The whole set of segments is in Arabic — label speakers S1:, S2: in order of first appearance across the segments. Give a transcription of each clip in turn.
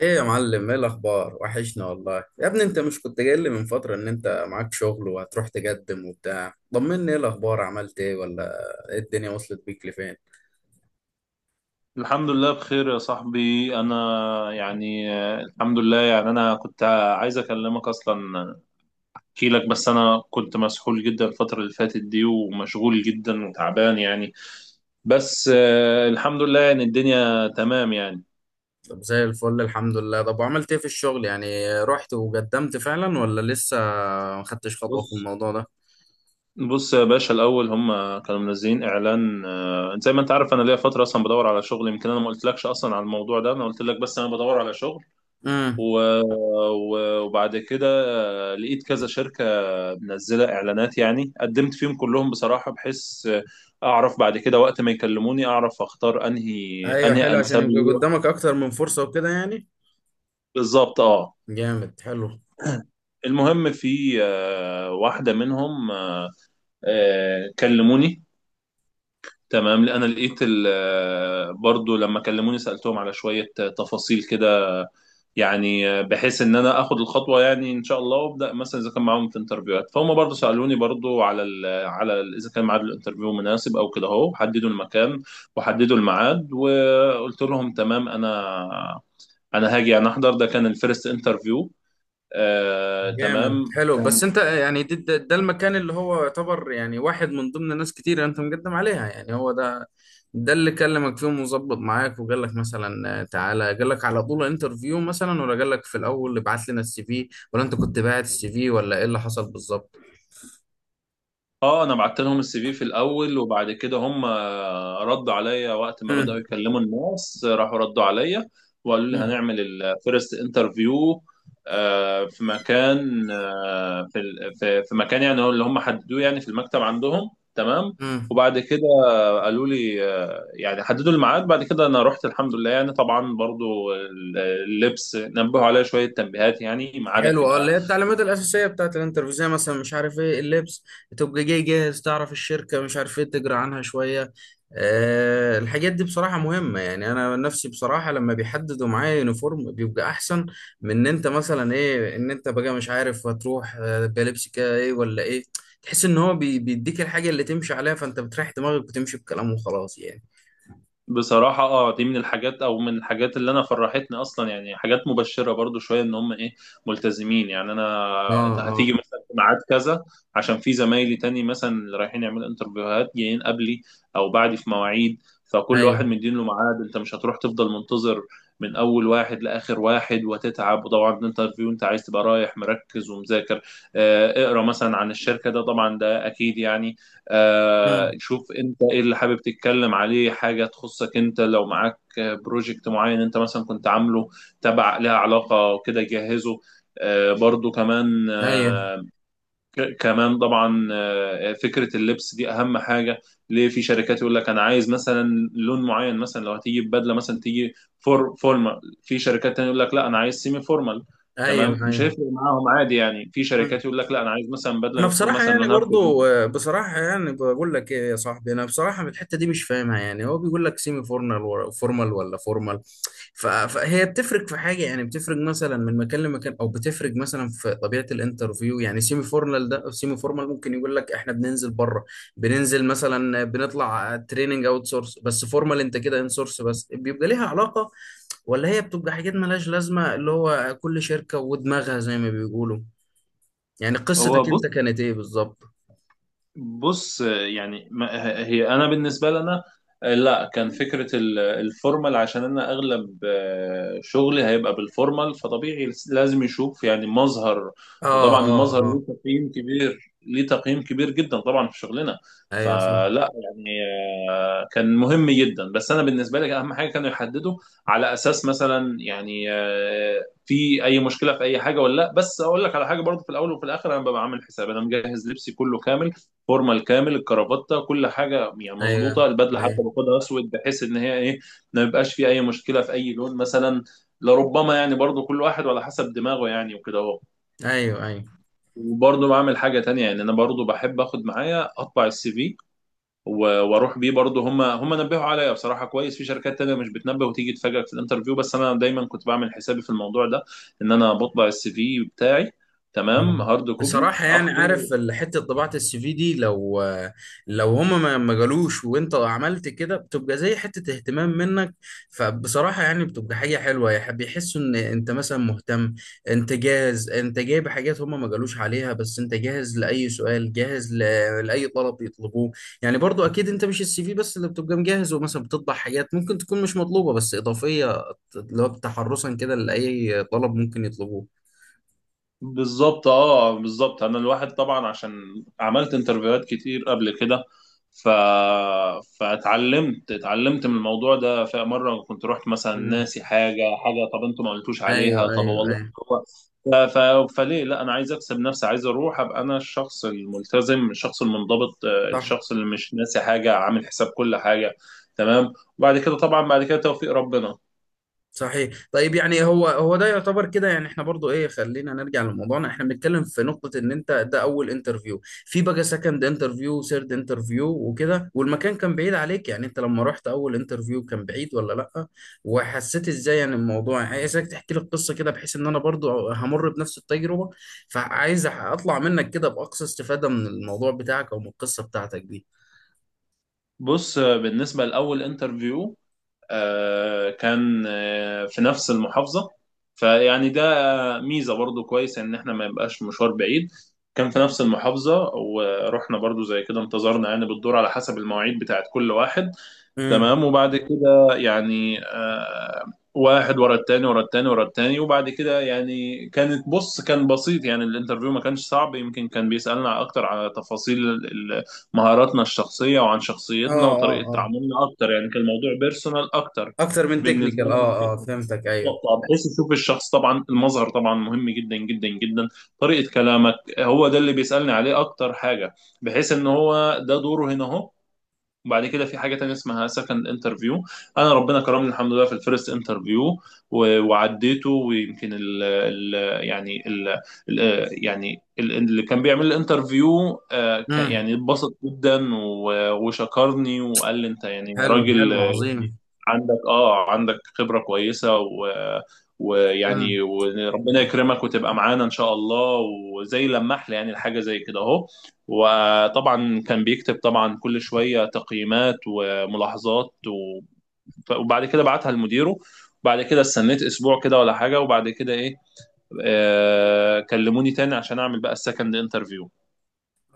S1: ايه يا معلم؟ ايه الاخبار؟ وحشنا والله يا ابني. انت مش كنت جاي لي من فتره ان انت معاك شغل وهتروح تقدم وبتاع؟ طمني، ايه الاخبار؟ عملت ايه ولا ايه؟ الدنيا وصلت بيك لفين؟
S2: الحمد لله بخير يا صاحبي. انا الحمد لله. انا كنت عايز اكلمك اصلا، احكي لك، بس انا كنت مسحول جدا الفترة اللي فاتت دي ومشغول جدا وتعبان بس الحمد لله. الدنيا تمام يعني.
S1: طب زي الفل، الحمد لله. طب وعملت ايه في الشغل يعني؟ رحت وقدمت فعلا ولا لسه ما خدتش خطوه في
S2: بص
S1: الموضوع ده؟
S2: بص يا باشا، الاول هم كانوا منزلين اعلان، زي ما انت عارف انا ليا فترة اصلا بدور على شغل. يمكن انا ما قلتلكش اصلا على الموضوع ده، انا قلت لك بس انا بدور على شغل.
S1: امم.
S2: و- وبعد كده لقيت كذا شركة منزلة إعلانات، يعني قدمت فيهم كلهم بصراحة بحيث أعرف بعد كده وقت ما يكلموني أعرف أختار أنهي
S1: ايوه،
S2: أنهي
S1: حلو، عشان
S2: أنسب
S1: يبقى
S2: لي.
S1: قدامك اكتر من فرصه وكده يعني.
S2: بالظبط أه.
S1: جامد، حلو.
S2: المهم في واحدة منهم كلموني. تمام، لأن أنا لقيت برضو لما كلموني سألتهم على شوية تفاصيل كده، بحيث ان انا اخد الخطوه يعني ان شاء الله، وابدا. مثلا اذا كان معاهم في انترفيوهات، فهم برضو سالوني برضو على ال اذا كان ميعاد الانترفيو مناسب او كده، اهو حددوا المكان وحددوا الميعاد، وقلت لهم تمام، انا هاجي، انا احضر. ده كان الفيرست انترفيو، آه
S1: جامد،
S2: تمام.
S1: حلو. بس انت يعني ده المكان اللي هو يعتبر يعني واحد من ضمن ناس كتير انت مقدم عليها، يعني هو ده؟ ده اللي كلمك فيهم وظبط معاك وقال لك مثلا تعالى؟ قال لك على طول انترفيو مثلا، ولا قال لك في الاول ابعت لنا السي في، ولا انت كنت باعت السي في، ولا ايه اللي حصل بالظبط؟
S2: اه انا بعت لهم السي في في الاول، وبعد كده هم ردوا عليا وقت ما بداوا يكلموا الناس، راحوا ردوا عليا وقالوا لي هنعمل الفيرست انترفيو في مكان، آه، في ال- في في مكان يعني هو اللي هم حددوه، يعني في المكتب عندهم. تمام.
S1: امم.
S2: وبعد كده قالوا لي يعني حددوا الميعاد. بعد كده انا رحت الحمد لله. يعني طبعا برضو اللبس نبهوا عليا شوية تنبيهات، يعني ميعادك
S1: حلو، اه، اللي
S2: يبقى.
S1: هي التعليمات الأساسية بتاعت الانترفيو، زي مثلا مش عارف ايه اللبس، تبقى جاي جاهز، تعرف الشركة، مش عارف ايه تجرى عنها شوية. أه، الحاجات دي بصراحة مهمة. يعني أنا نفسي بصراحة لما بيحددوا معايا يونيفورم بيبقى أحسن من إن أنت مثلا ايه، إن أنت بقى مش عارف هتروح بلبس كده ايه ولا ايه. تحس إن هو بيديك الحاجة اللي تمشي عليها، فأنت بتريح دماغك وتمشي بكلامه وخلاص يعني.
S2: بصراحة اه دي من الحاجات، او من الحاجات اللي انا فرحتني اصلا، يعني حاجات مبشرة برضو شوية، ان هم ايه، ملتزمين. يعني انا
S1: اه،
S2: ده
S1: اه،
S2: هتيجي مثلا في ميعاد كذا، عشان في زمايلي تاني مثلا اللي رايحين يعملوا انترفيوهات جايين قبلي او بعدي في مواعيد، فكل واحد
S1: ايوه،
S2: مدين له ميعاد، انت مش هتروح تفضل منتظر من اول واحد لاخر واحد وتتعب. وطبعا الانترفيو انت عايز تبقى رايح مركز ومذاكر، اقرا مثلا عن الشركة. ده طبعا ده اكيد يعني.
S1: مم.
S2: شوف انت ايه اللي حابب تتكلم عليه، حاجة تخصك انت، لو معاك بروجكت معين انت مثلا كنت عامله تبع لها علاقة وكده جهزه. آه، برضو كمان
S1: ايوه،
S2: آه، ك- كمان طبعا فكرة اللبس دي أهم حاجة، ليه في شركات يقول لك أنا عايز مثلا لون معين، مثلا لو هتيجي ببدلة مثلا تيجي فورمال. في شركات تانية يقول لك لا، أنا عايز سيمي فورمال.
S1: ايوه،
S2: تمام، مش
S1: ايوه.
S2: هيفرق معاهم، عادي يعني. في شركات يقول لك لا، أنا عايز مثلا
S1: انا
S2: بدلة تكون
S1: بصراحه
S2: مثلا
S1: يعني
S2: لونها أسود.
S1: برضو بصراحه يعني بقول لك ايه يا صاحبي، انا بصراحه من الحته دي مش فاهمها. يعني هو بيقول لك سيمي فورمال فورمال ولا فورمال؟ فهي بتفرق في حاجه يعني؟ بتفرق مثلا من مكان لمكان، او بتفرق مثلا في طبيعه الانترفيو؟ يعني سيمي فورمال ده أو سيمي فورمال، ممكن يقول لك احنا بننزل بره، بننزل مثلا، بنطلع تريننج اوت سورس، بس فورمال انت كده ان سورس، بس بيبقى ليها علاقه؟ ولا هي بتبقى حاجات ملهاش لازمه، اللي هو كل شركه ودماغها زي ما بيقولوا؟ يعني
S2: هو
S1: قصتك انت
S2: بص
S1: كانت ايه بالظبط؟
S2: بص يعني ما- هي انا بالنسبه لنا لا، كان فكره الفورمال، عشان انا اغلب شغلي هيبقى بالفورمال، فطبيعي لازم يشوف يعني مظهر.
S1: اه،
S2: وطبعا
S1: اه،
S2: المظهر
S1: اه.
S2: ليه تقييم كبير جدا طبعا في شغلنا.
S1: ايوه، صح.
S2: فلا يعني كان مهم جدا. بس انا بالنسبه لي اهم حاجه كانوا يحددوا على اساس مثلا في اي مشكله في اي حاجه ولا لا. بس اقول لك على حاجه، برضو في الاول وفي الاخر انا ببقى عامل حساب، انا مجهز لبسي كله كامل، الفورمه الكامل، الكرافته، كل حاجه يعني
S1: ايوه،
S2: مظبوطه، البدله حتى
S1: ايوه،
S2: باخدها اسود بحيث ان هي ايه، ما يبقاش في اي مشكله في اي لون مثلا. لربما يعني برضو كل واحد على حسب دماغه يعني، وكده اهو.
S1: ايوه، ايوه.
S2: وبرضه بعمل حاجة تانية. يعني أنا برضه بحب آخد معايا أطبع السي في وأروح بيه. برضه هم نبهوا عليا بصراحة كويس. في شركات تانية مش بتنبه وتيجي تفاجئك في الانترفيو، بس أنا دايما كنت بعمل حسابي في الموضوع ده، إن أنا بطبع السي في بتاعي، تمام،
S1: آه.
S2: هارد كوبي
S1: بصراحة يعني،
S2: اخده.
S1: عارف حتة طباعة السي في دي، لو لو هما ما جالوش وانت عملت كده، بتبقى زي حتة اهتمام منك. فبصراحة يعني بتبقى حاجة حلوة، بيحسوا ان انت مثلا مهتم، انت جاهز، انت جايب حاجات هما ما جالوش عليها، بس انت جاهز لأي سؤال، جاهز لأي طلب يطلبوه. يعني برضو اكيد انت مش السي في بس اللي بتبقى مجهز، ومثلا بتطبع حاجات ممكن تكون مش مطلوبة بس اضافية، اللي هو تحرصا كده لأي طلب ممكن يطلبوه.
S2: بالظبط اه بالظبط. انا الواحد طبعا عشان عملت انترفيوهات كتير قبل كده، ف... فاتعلمت، اتعلمت من الموضوع ده. فمره كنت رحت مثلا ناسي حاجه، حاجه طب انتوا ما قلتوش
S1: ايوه،
S2: عليها، طب
S1: ايوه،
S2: والله.
S1: ايوه،
S2: هو ف... ف... فليه لا، انا عايز اكسب نفسي، عايز اروح ابقى انا الشخص الملتزم، الشخص المنضبط،
S1: صح.
S2: الشخص اللي مش ناسي حاجه، عامل حساب كل حاجه. تمام. وبعد كده طبعا بعد كده توفيق ربنا.
S1: صحيح. طيب يعني هو هو ده يعتبر كده. يعني احنا برضو ايه، خلينا نرجع لموضوعنا. احنا بنتكلم في نقطة ان انت ده اول انترفيو، في بقى سكند انترفيو، ثيرد انترفيو وكده. والمكان كان بعيد عليك يعني؟ انت لما رحت اول انترفيو كان بعيد ولا لا؟ وحسيت ازاي يعني الموضوع؟ يعني عايزك تحكي لي القصة كده، بحيث ان انا برضو همر بنفس التجربة، فعايز اطلع منك كده باقصى استفادة من الموضوع بتاعك او من القصة بتاعتك دي.
S2: بص بالنسبه لاول انترفيو آه، كان آه، في نفس المحافظة، فيعني ده ميزة برضو كويس ان احنا ما يبقاش مشوار بعيد. كان في نفس المحافظة، ورحنا برضو زي كده انتظرنا يعني بالدور على حسب المواعيد بتاعت كل واحد.
S1: امم.
S2: تمام. وبعد كده واحد ورا التاني ورا التاني. وبعد كده يعني كانت، بص كان بسيط يعني الانترفيو، ما كانش صعب. يمكن كان بيسألنا اكتر على تفاصيل مهاراتنا الشخصية، وعن
S1: اه،
S2: شخصيتنا وطريقة
S1: اه.
S2: تعاملنا اكتر، يعني كان الموضوع بيرسونال اكتر
S1: اكتر من
S2: بالنسبة
S1: تكنيكال،
S2: لنا من
S1: اه، اه،
S2: فكرة.
S1: فهمتك. ايوه.
S2: بالظبط بحيث يشوف الشخص، طبعا المظهر طبعا مهم جدا جدا جدا، طريقة كلامك، هو ده اللي بيسألني عليه اكتر حاجة، بحيث ان هو ده دوره هنا اهو. وبعد كده في حاجة تانية اسمها سكند انترفيو. انا ربنا كرمني الحمد لله في الفيرست انترفيو وعديته. ويمكن ال ال يعني ال ال يعني ال اللي كان بيعمل لي انترفيو
S1: امم.
S2: يعني اتبسط جدا وشكرني وقال لي انت يعني
S1: حلو،
S2: راجل،
S1: حلو. عظيم.
S2: عندك اه عندك خبرة كويسة، و
S1: امم.
S2: ويعني وربنا يكرمك وتبقى معانا ان شاء الله. وزي لمح لي يعني الحاجه زي كده اهو. وطبعا كان بيكتب طبعا كل شويه تقييمات وملاحظات وبعد كده بعتها لمديره. وبعد كده استنيت اسبوع كده ولا حاجه، وبعد كده ايه، آه كلموني تاني عشان اعمل بقى السكند انترفيو.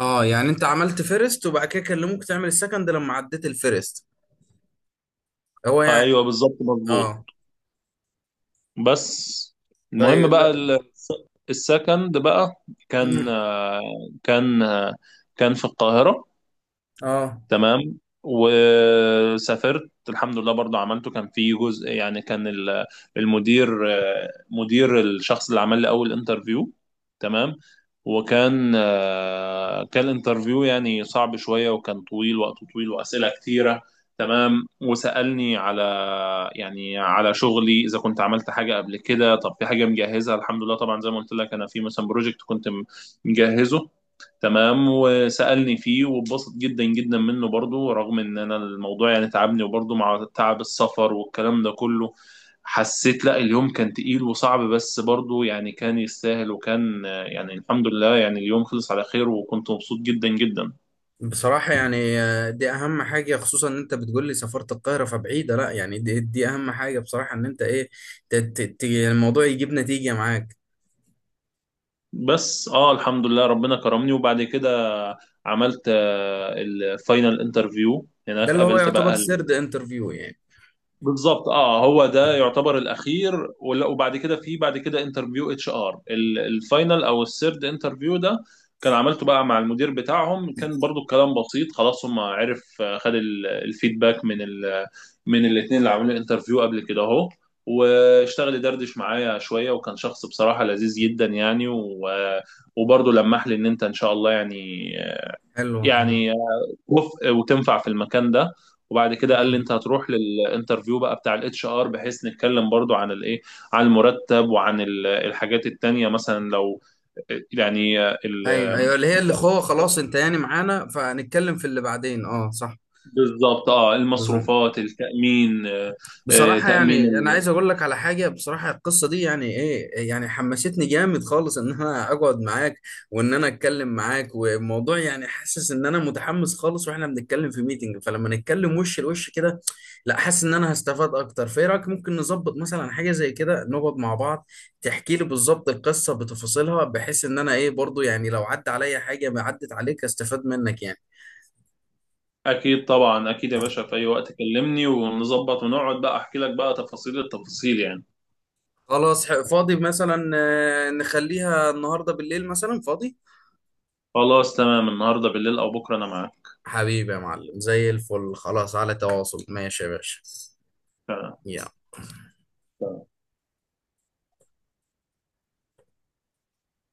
S1: اه، يعني انت عملت فيرست وبعد كده كلموك تعمل السكند لما عديت الفيرست، هو يعني؟
S2: ايوه بالظبط مظبوط.
S1: اه.
S2: بس
S1: ده
S2: المهم بقى
S1: لا.
S2: السكند بقى كان
S1: مم.
S2: كان آه، كان في القاهره.
S1: اه.
S2: تمام. وسافرت الحمد لله برضو عملته. كان في جزء يعني كان المدير، مدير الشخص اللي عمل لي اول انترفيو. تمام. وكان كان الانترفيو يعني صعب شوية، وكان طويل، وقته طويل، وأسئلة كتيرة. تمام. وسألني على يعني على شغلي، إذا كنت عملت حاجة قبل كده. طب في حاجة مجهزها الحمد لله، طبعا زي ما قلت لك أنا في مثلا بروجكت كنت مجهزه. تمام. وسألني فيه واتبسط جدا جدا منه، برضو رغم ان انا الموضوع يعني تعبني، وبرضو مع تعب السفر والكلام ده كله حسيت لا، اليوم كان تقيل وصعب، بس برضو يعني كان يستاهل، وكان يعني الحمد لله يعني اليوم خلص على خير، وكنت مبسوط جدا جدا.
S1: بصراحة يعني دي أهم حاجة، خصوصا إن أنت بتقول لي سافرت القاهرة فبعيدة، لا يعني، دي أهم حاجة بصراحة، إن أنت إيه، الموضوع يجيب نتيجة معاك.
S2: بس اه الحمد لله ربنا كرمني. وبعد كده عملت الفاينل انترفيو
S1: ده
S2: هناك،
S1: اللي هو
S2: قابلت
S1: يعتبر
S2: بقى.
S1: سيرد انترفيو يعني؟
S2: بالظبط اه هو ده يعتبر الاخير. وبعد كده في بعد كده انترفيو اتش ار، الفاينل او السيرد انترفيو ده، كان عملته بقى مع المدير بتاعهم. كان برضو الكلام بسيط، خلاص هم عرف خد الفيدباك من ال من الاثنين اللي عاملين الانترفيو قبل كده اهو. واشتغل يدردش معايا شويه، وكان شخص بصراحه لذيذ جدا يعني. وبرضه لمح لي ان انت ان شاء الله
S1: حلو،
S2: يعني وتنفع في المكان ده. وبعد كده قال
S1: حلو.
S2: لي انت هتروح للانترفيو بقى بتاع الاتش ار، بحيث نتكلم برضو عن الايه، عن المرتب وعن الحاجات التانية، مثلا لو يعني ال...
S1: ايوه، ايوه، اللي هي اللي هو خلاص انت يعني معانا، فهنتكلم في اللي بعدين. اه، صح.
S2: بالظبط اه،
S1: بالظبط.
S2: المصروفات، التأمين،
S1: بصراحة
S2: تأمين
S1: يعني أنا عايز أقول لك على حاجة، بصراحة القصة دي يعني إيه، يعني حمستني جامد خالص إن أنا أقعد معاك وإن أنا أتكلم معاك، والموضوع يعني حاسس إن أنا متحمس خالص. وإحنا بنتكلم في ميتنج، فلما نتكلم وش لوش كده، لا حاسس إن أنا هستفاد أكتر. فإيه رأيك ممكن نظبط مثلا حاجة زي كده، نقعد مع بعض، تحكي لي بالظبط القصة بتفاصيلها، بحيث إن أنا إيه، برضو يعني لو عدى عليا حاجة ما عدت عليك أستفاد منك يعني.
S2: اكيد طبعا، اكيد يا باشا في اي وقت كلمني ونظبط ونقعد، بقى احكي لك بقى تفاصيل التفاصيل يعني.
S1: خلاص، فاضي مثلا نخليها النهارده بالليل مثلا، فاضي؟
S2: خلاص تمام، النهارده بالليل او بكره انا معاك.
S1: حبيبي يا معلم، زي الفل. خلاص، على تواصل. ماشي يا باشا.
S2: تمام.
S1: يلا.